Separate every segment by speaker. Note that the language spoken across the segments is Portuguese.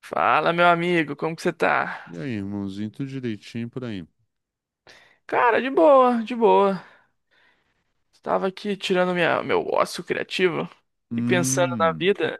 Speaker 1: Fala, meu amigo, como que você tá?
Speaker 2: E aí, irmãozinho, tudo direitinho por aí.
Speaker 1: Cara, de boa, de boa. Estava aqui tirando meu ócio criativo e pensando na
Speaker 2: Hum,
Speaker 1: vida,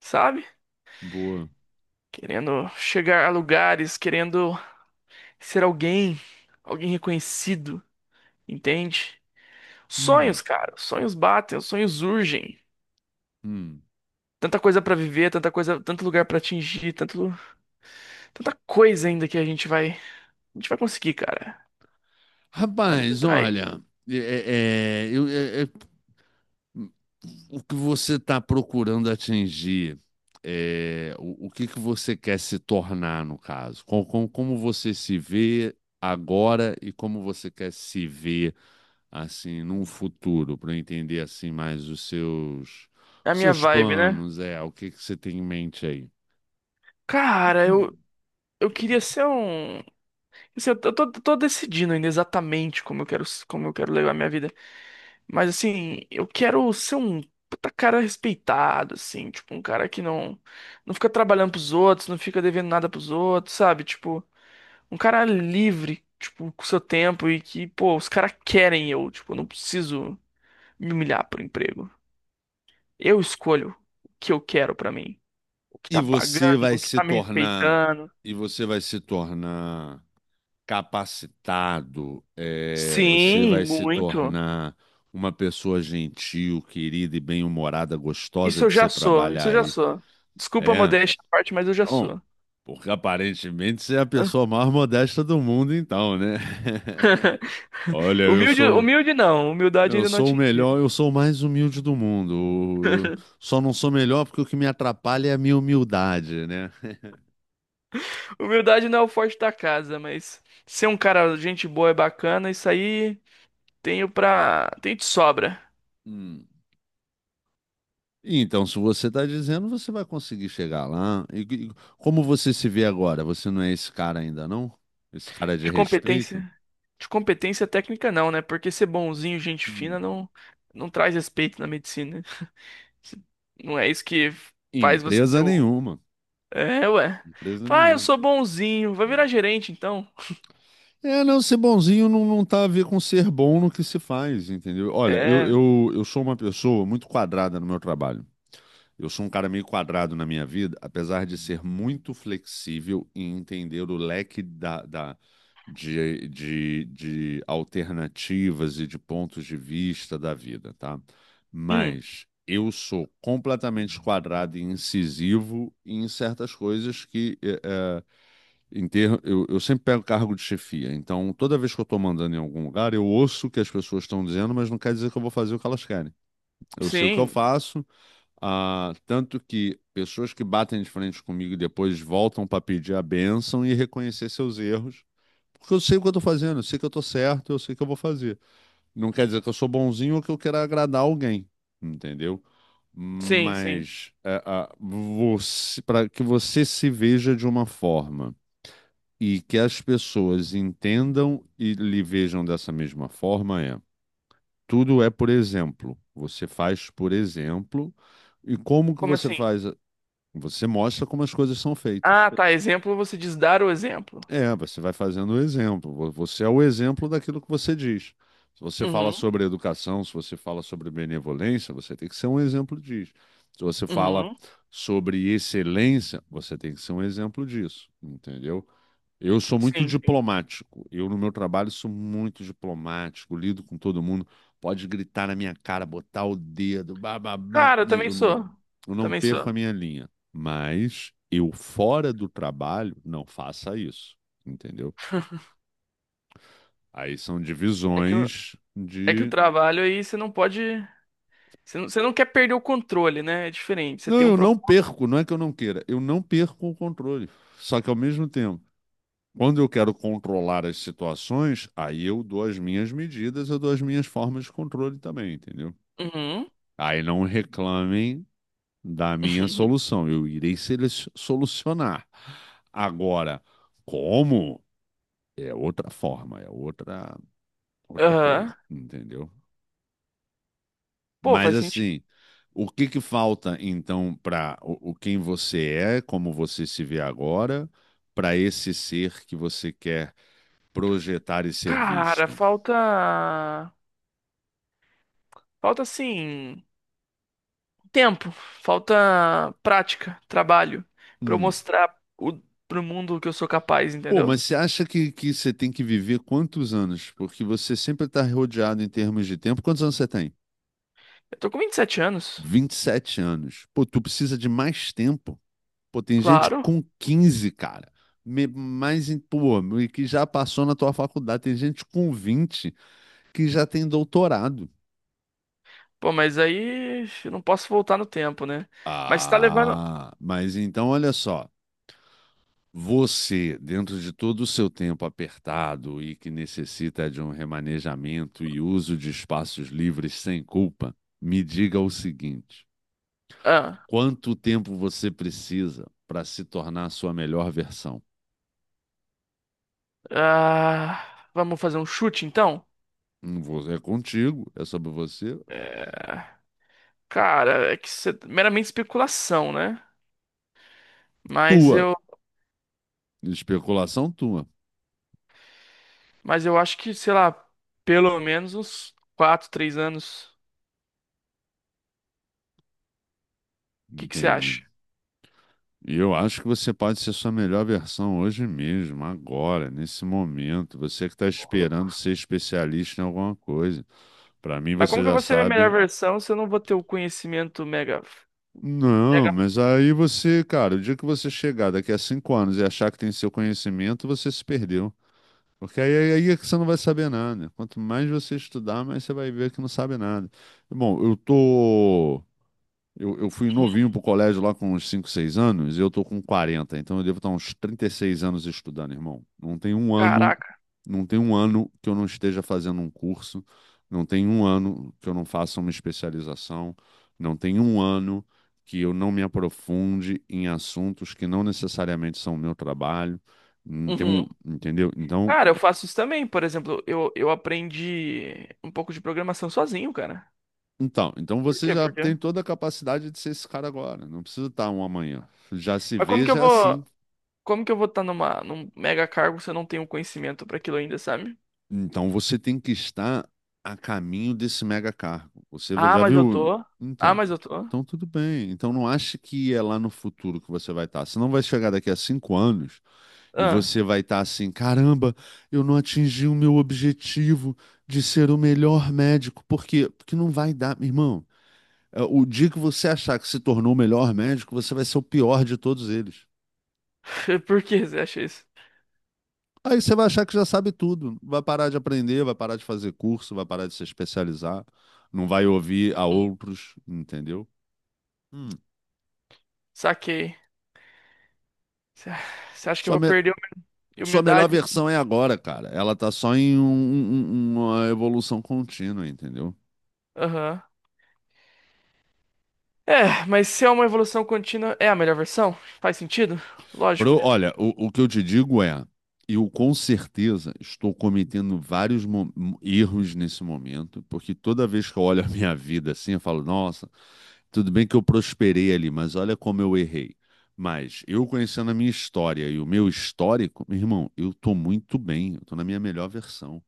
Speaker 1: sabe?
Speaker 2: boa.
Speaker 1: Querendo chegar a lugares, querendo ser alguém, alguém reconhecido, entende?
Speaker 2: Hum,
Speaker 1: Sonhos, cara, sonhos batem, os sonhos urgem.
Speaker 2: hum.
Speaker 1: Tanta coisa pra viver, tanta coisa, tanto lugar pra atingir, tanta coisa ainda que a gente vai conseguir, cara. A vida
Speaker 2: Rapaz,
Speaker 1: tá aí.
Speaker 2: olha, é, é- é, eu- é- é- o que você está procurando atingir? O que que você quer se tornar, no caso? Como você se vê agora e como você quer se ver, assim, num futuro, para entender, assim, mais os seus,
Speaker 1: É a minha
Speaker 2: seus
Speaker 1: vibe, né?
Speaker 2: planos? O que que você tem em mente aí?
Speaker 1: Cara, eu queria ser um. Assim, eu tô decidindo ainda exatamente como eu quero levar minha vida. Mas assim, eu quero ser um puta cara respeitado, assim, tipo, um cara que não, não fica trabalhando pros outros, não fica devendo nada pros outros, sabe? Tipo, um cara livre, tipo, com seu tempo e que, pô, os caras querem eu, tipo, eu não preciso me humilhar por emprego. Eu escolho o que eu quero pra mim, o que
Speaker 2: E
Speaker 1: tá
Speaker 2: você
Speaker 1: pagando,
Speaker 2: vai
Speaker 1: o que
Speaker 2: se
Speaker 1: tá me
Speaker 2: tornar,
Speaker 1: respeitando.
Speaker 2: e você vai se tornar capacitado. Você vai
Speaker 1: Sim,
Speaker 2: se
Speaker 1: muito.
Speaker 2: tornar uma pessoa gentil, querida e bem-humorada, gostosa
Speaker 1: Isso eu
Speaker 2: de
Speaker 1: já
Speaker 2: se
Speaker 1: sou, isso
Speaker 2: trabalhar
Speaker 1: eu já
Speaker 2: aí.
Speaker 1: sou. Desculpa a
Speaker 2: É,
Speaker 1: modéstia à parte, mas eu já
Speaker 2: bom,
Speaker 1: sou.
Speaker 2: porque aparentemente você é a pessoa mais modesta do mundo, então, né? Olha,
Speaker 1: Humilde, humilde não, humildade
Speaker 2: eu
Speaker 1: ainda não
Speaker 2: sou o
Speaker 1: atingi.
Speaker 2: melhor, eu sou o mais humilde do mundo. Eu só não sou melhor porque o que me atrapalha é a minha humildade, né?
Speaker 1: Humildade não é o forte da casa, mas ser um cara, gente boa é bacana, isso aí tenho pra. Tenho de sobra.
Speaker 2: Hum. Então, se você está dizendo, você vai conseguir chegar lá. E como você se vê agora? Você não é esse cara ainda, não? Esse cara de
Speaker 1: De
Speaker 2: respeito?
Speaker 1: competência. De competência técnica não, né? Porque ser bonzinho, gente fina,
Speaker 2: Hum.
Speaker 1: não, não traz respeito na medicina. Não é isso que faz você ser
Speaker 2: Empresa
Speaker 1: o.
Speaker 2: nenhuma.
Speaker 1: É, ué.
Speaker 2: Empresa
Speaker 1: Ah, eu
Speaker 2: nenhuma.
Speaker 1: sou bonzinho. Vai virar gerente, então.
Speaker 2: É, não, ser bonzinho não, não tá a ver com ser bom no que se faz, entendeu? Olha, eu,
Speaker 1: É.
Speaker 2: eu, eu sou uma pessoa muito quadrada no meu trabalho. Eu sou um cara meio quadrado na minha vida, apesar de ser muito flexível e entender o leque de alternativas e de pontos de vista da vida, tá?
Speaker 1: Hum.
Speaker 2: Mas eu sou completamente quadrado e incisivo em certas coisas que, eu sempre pego cargo de chefia. Então, toda vez que eu estou mandando em algum lugar, eu ouço o que as pessoas estão dizendo, mas não quer dizer que eu vou fazer o que elas querem. Eu sei o que eu
Speaker 1: Sim,
Speaker 2: faço. Ah, tanto que pessoas que batem de frente comigo e depois voltam para pedir a bênção e reconhecer seus erros. Porque eu sei o que eu tô fazendo, eu sei que eu tô certo, eu sei que eu vou fazer. Não quer dizer que eu sou bonzinho ou que eu queira agradar alguém, entendeu?
Speaker 1: sim, sim.
Speaker 2: Mas para que você se veja de uma forma e que as pessoas entendam e lhe vejam dessa mesma forma tudo é por exemplo. Você faz por exemplo. E como que
Speaker 1: Como
Speaker 2: você
Speaker 1: assim?
Speaker 2: faz? Você mostra como as coisas são feitas.
Speaker 1: Ah, tá. Exemplo, você diz dar o exemplo.
Speaker 2: É, você vai fazendo o exemplo. Você é o exemplo daquilo que você diz. Se você fala
Speaker 1: Uhum,
Speaker 2: sobre educação, se você fala sobre benevolência, você tem que ser um exemplo disso. Se você fala
Speaker 1: uhum.
Speaker 2: sobre excelência, você tem que ser um exemplo disso, entendeu? Eu sou muito
Speaker 1: Sim, sim.
Speaker 2: diplomático. Eu, no meu trabalho, sou muito diplomático, lido com todo mundo. Pode gritar na minha cara, botar o dedo, bababá.
Speaker 1: Cara, eu também sou.
Speaker 2: Eu não
Speaker 1: Também
Speaker 2: perco
Speaker 1: sou.
Speaker 2: a minha linha. Mas eu, fora do trabalho, não faça isso. Entendeu? Aí são
Speaker 1: É que o,
Speaker 2: divisões
Speaker 1: é que o
Speaker 2: de.
Speaker 1: trabalho aí você não pode. Você não quer perder o controle, né? É diferente. Você
Speaker 2: Não,
Speaker 1: tem um
Speaker 2: eu não
Speaker 1: propósito.
Speaker 2: perco, não é que eu não queira, eu não perco o controle. Só que ao mesmo tempo, quando eu quero controlar as situações, aí eu dou as minhas medidas, eu dou as minhas formas de controle também, entendeu?
Speaker 1: Uhum.
Speaker 2: Aí não reclamem da minha solução. Eu irei solucionar. Agora, como? É outra forma, outra coisa,
Speaker 1: Aham.
Speaker 2: entendeu?
Speaker 1: Pô,
Speaker 2: Mas
Speaker 1: faz sentido.
Speaker 2: assim, o que que falta então para o quem você é, como você se vê agora, para esse ser que você quer projetar e ser
Speaker 1: Cara,
Speaker 2: visto?
Speaker 1: falta. Falta assim. Tempo. Falta prática, trabalho. Pra eu
Speaker 2: Hum.
Speaker 1: mostrar o, pro mundo que eu sou capaz,
Speaker 2: Pô,
Speaker 1: entendeu?
Speaker 2: mas você acha que você tem que viver quantos anos? Porque você sempre está rodeado em termos de tempo. Quantos anos você tem?
Speaker 1: Eu tô com 27 anos.
Speaker 2: 27 anos. Pô, tu precisa de mais tempo. Pô, tem gente
Speaker 1: Claro.
Speaker 2: com 15 cara. Mais, pô, e que já passou na tua faculdade. Tem gente com 20 que já tem doutorado.
Speaker 1: Pô, mas aí eu não posso voltar no tempo, né? Mas tá levando.
Speaker 2: Ah, mas então olha só. Você, dentro de todo o seu tempo apertado e que necessita de um remanejamento e uso de espaços livres sem culpa, me diga o seguinte:
Speaker 1: Ah,
Speaker 2: quanto tempo você precisa para se tornar a sua melhor versão?
Speaker 1: ah, vamos fazer um chute então?
Speaker 2: Não vou- É contigo, é sobre você.
Speaker 1: Cara, é que isso é meramente especulação, né? Mas
Speaker 2: Tua.
Speaker 1: eu,
Speaker 2: Especulação tua.
Speaker 1: mas eu acho que, sei lá, pelo menos uns 4, 3 anos. O que que você
Speaker 2: Entende?
Speaker 1: acha?
Speaker 2: E eu acho que você pode ser sua melhor versão hoje mesmo, agora, nesse momento. Você que está
Speaker 1: Ô, louco.
Speaker 2: esperando ser especialista em alguma coisa. Para mim,
Speaker 1: Mas
Speaker 2: você
Speaker 1: como que eu
Speaker 2: já
Speaker 1: vou ser minha melhor
Speaker 2: sabe.
Speaker 1: versão se eu não vou ter o conhecimento mega,
Speaker 2: Não,
Speaker 1: mega...
Speaker 2: mas aí você, cara, o dia que você chegar daqui a 5 anos e achar que tem seu conhecimento, você se perdeu. Porque aí é que você não vai saber nada. Quanto mais você estudar, mais você vai ver que não sabe nada. Bom, eu tô. Eu fui novinho pro colégio lá com uns 5, 6 anos, e eu tô com 40, então eu devo estar uns 36 anos estudando, irmão. Não tem um ano,
Speaker 1: Caraca.
Speaker 2: não tem um ano que eu não esteja fazendo um curso, não tem um ano que eu não faça uma especialização, não tem um ano que eu não me aprofunde em assuntos que não necessariamente são o meu trabalho. Não tem um,
Speaker 1: Uhum.
Speaker 2: entendeu?
Speaker 1: Cara, eu faço isso também. Por exemplo, eu aprendi um pouco de programação sozinho, cara.
Speaker 2: Então
Speaker 1: Por
Speaker 2: você
Speaker 1: quê?
Speaker 2: já
Speaker 1: Por quê?
Speaker 2: tem toda a capacidade de ser esse cara agora, não precisa estar um amanhã. Já se
Speaker 1: Mas como que eu
Speaker 2: veja
Speaker 1: vou,
Speaker 2: assim.
Speaker 1: como que eu vou estar numa, num mega cargo se eu não tenho conhecimento pra aquilo ainda, sabe?
Speaker 2: Então você tem que estar a caminho desse mega cargo. Você vai-
Speaker 1: Ah,
Speaker 2: já
Speaker 1: mas eu
Speaker 2: viu?
Speaker 1: tô. Ah,
Speaker 2: Então,
Speaker 1: mas eu tô.
Speaker 2: então tudo bem. Então não ache que é lá no futuro que você vai estar. Você não vai chegar daqui a cinco anos e
Speaker 1: Ah,
Speaker 2: você vai estar assim, caramba, eu não atingi o meu objetivo de ser o melhor médico. Por quê? Porque não vai dar, meu irmão. É, o dia que você achar que se tornou o melhor médico, você vai ser o pior de todos eles.
Speaker 1: por que você acha isso?
Speaker 2: Aí você vai achar que já sabe tudo, vai parar de aprender, vai parar de fazer curso, vai parar de se especializar, não vai ouvir a
Speaker 1: Hum,
Speaker 2: outros, entendeu? Hum.
Speaker 1: saquei. Você você acha que eu
Speaker 2: Sua,
Speaker 1: vou
Speaker 2: me-
Speaker 1: perder a minha
Speaker 2: sua melhor
Speaker 1: humildade?
Speaker 2: versão é agora, cara. Ela tá só em uma evolução contínua, entendeu?
Speaker 1: Aham. É, mas se é uma evolução contínua, é a melhor versão? Faz sentido? Lógico.
Speaker 2: Olha, o que eu te digo é, eu com certeza estou cometendo vários erros nesse momento, porque toda vez que eu olho a minha vida assim, eu falo, nossa, tudo bem que eu prosperei ali, mas olha como eu errei. Mas eu conhecendo a minha história e o meu histórico, meu irmão, eu tô muito bem, eu tô na minha melhor versão.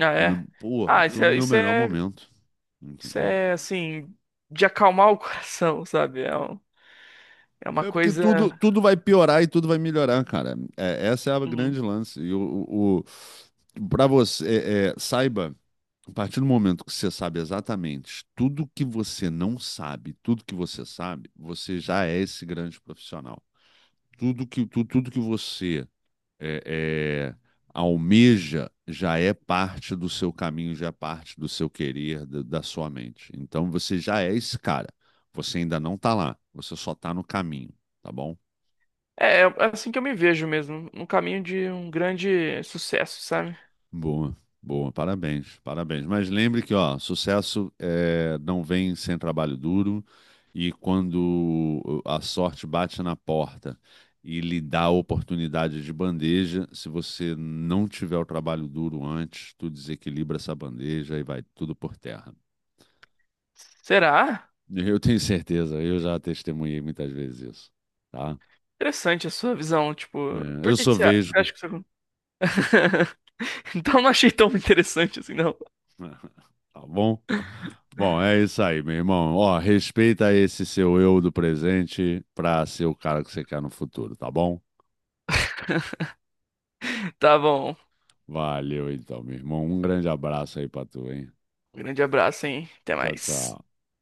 Speaker 1: Ah,
Speaker 2: Tô na,
Speaker 1: é.
Speaker 2: porra,
Speaker 1: Ah, isso
Speaker 2: tô no
Speaker 1: é,
Speaker 2: meu
Speaker 1: isso
Speaker 2: melhor
Speaker 1: é
Speaker 2: momento,
Speaker 1: Isso
Speaker 2: entendeu?
Speaker 1: é assim, de acalmar o coração, sabe? É uma
Speaker 2: É porque
Speaker 1: coisa.
Speaker 2: tudo, tudo vai piorar e tudo vai melhorar, cara. É, essa é a
Speaker 1: Uhum.
Speaker 2: grande lance. Para você, saiba, a partir do momento que você sabe exatamente tudo que você não sabe, tudo que você sabe, você já é esse grande profissional. Tudo que você é, é, almeja já é parte do seu caminho, já é parte do seu querer, da sua mente. Então você já é esse cara. Você ainda não tá lá, você só tá no caminho, tá bom?
Speaker 1: É, é assim que eu me vejo mesmo, no caminho de um grande sucesso, sabe?
Speaker 2: Boa, boa, parabéns, parabéns. Mas lembre que, ó, sucesso é, não vem sem trabalho duro e quando a sorte bate na porta e lhe dá a oportunidade de bandeja, se você não tiver o trabalho duro antes, tu desequilibra essa bandeja e vai tudo por terra.
Speaker 1: Será?
Speaker 2: Eu tenho certeza, eu já testemunhei muitas vezes isso, tá?
Speaker 1: Interessante a sua visão, tipo,
Speaker 2: É,
Speaker 1: por
Speaker 2: eu
Speaker 1: que que
Speaker 2: sou
Speaker 1: você
Speaker 2: vesgo,
Speaker 1: acha que isso Então não achei tão interessante assim, não.
Speaker 2: Tá bom? Bom, é isso aí, meu irmão. Ó, respeita esse seu eu do presente pra ser o cara que você quer no futuro, tá bom?
Speaker 1: Tá bom.
Speaker 2: Valeu então, meu irmão. Um grande abraço aí pra tu, hein?
Speaker 1: Um grande abraço, hein? Até
Speaker 2: Tchau,
Speaker 1: mais.
Speaker 2: tchau.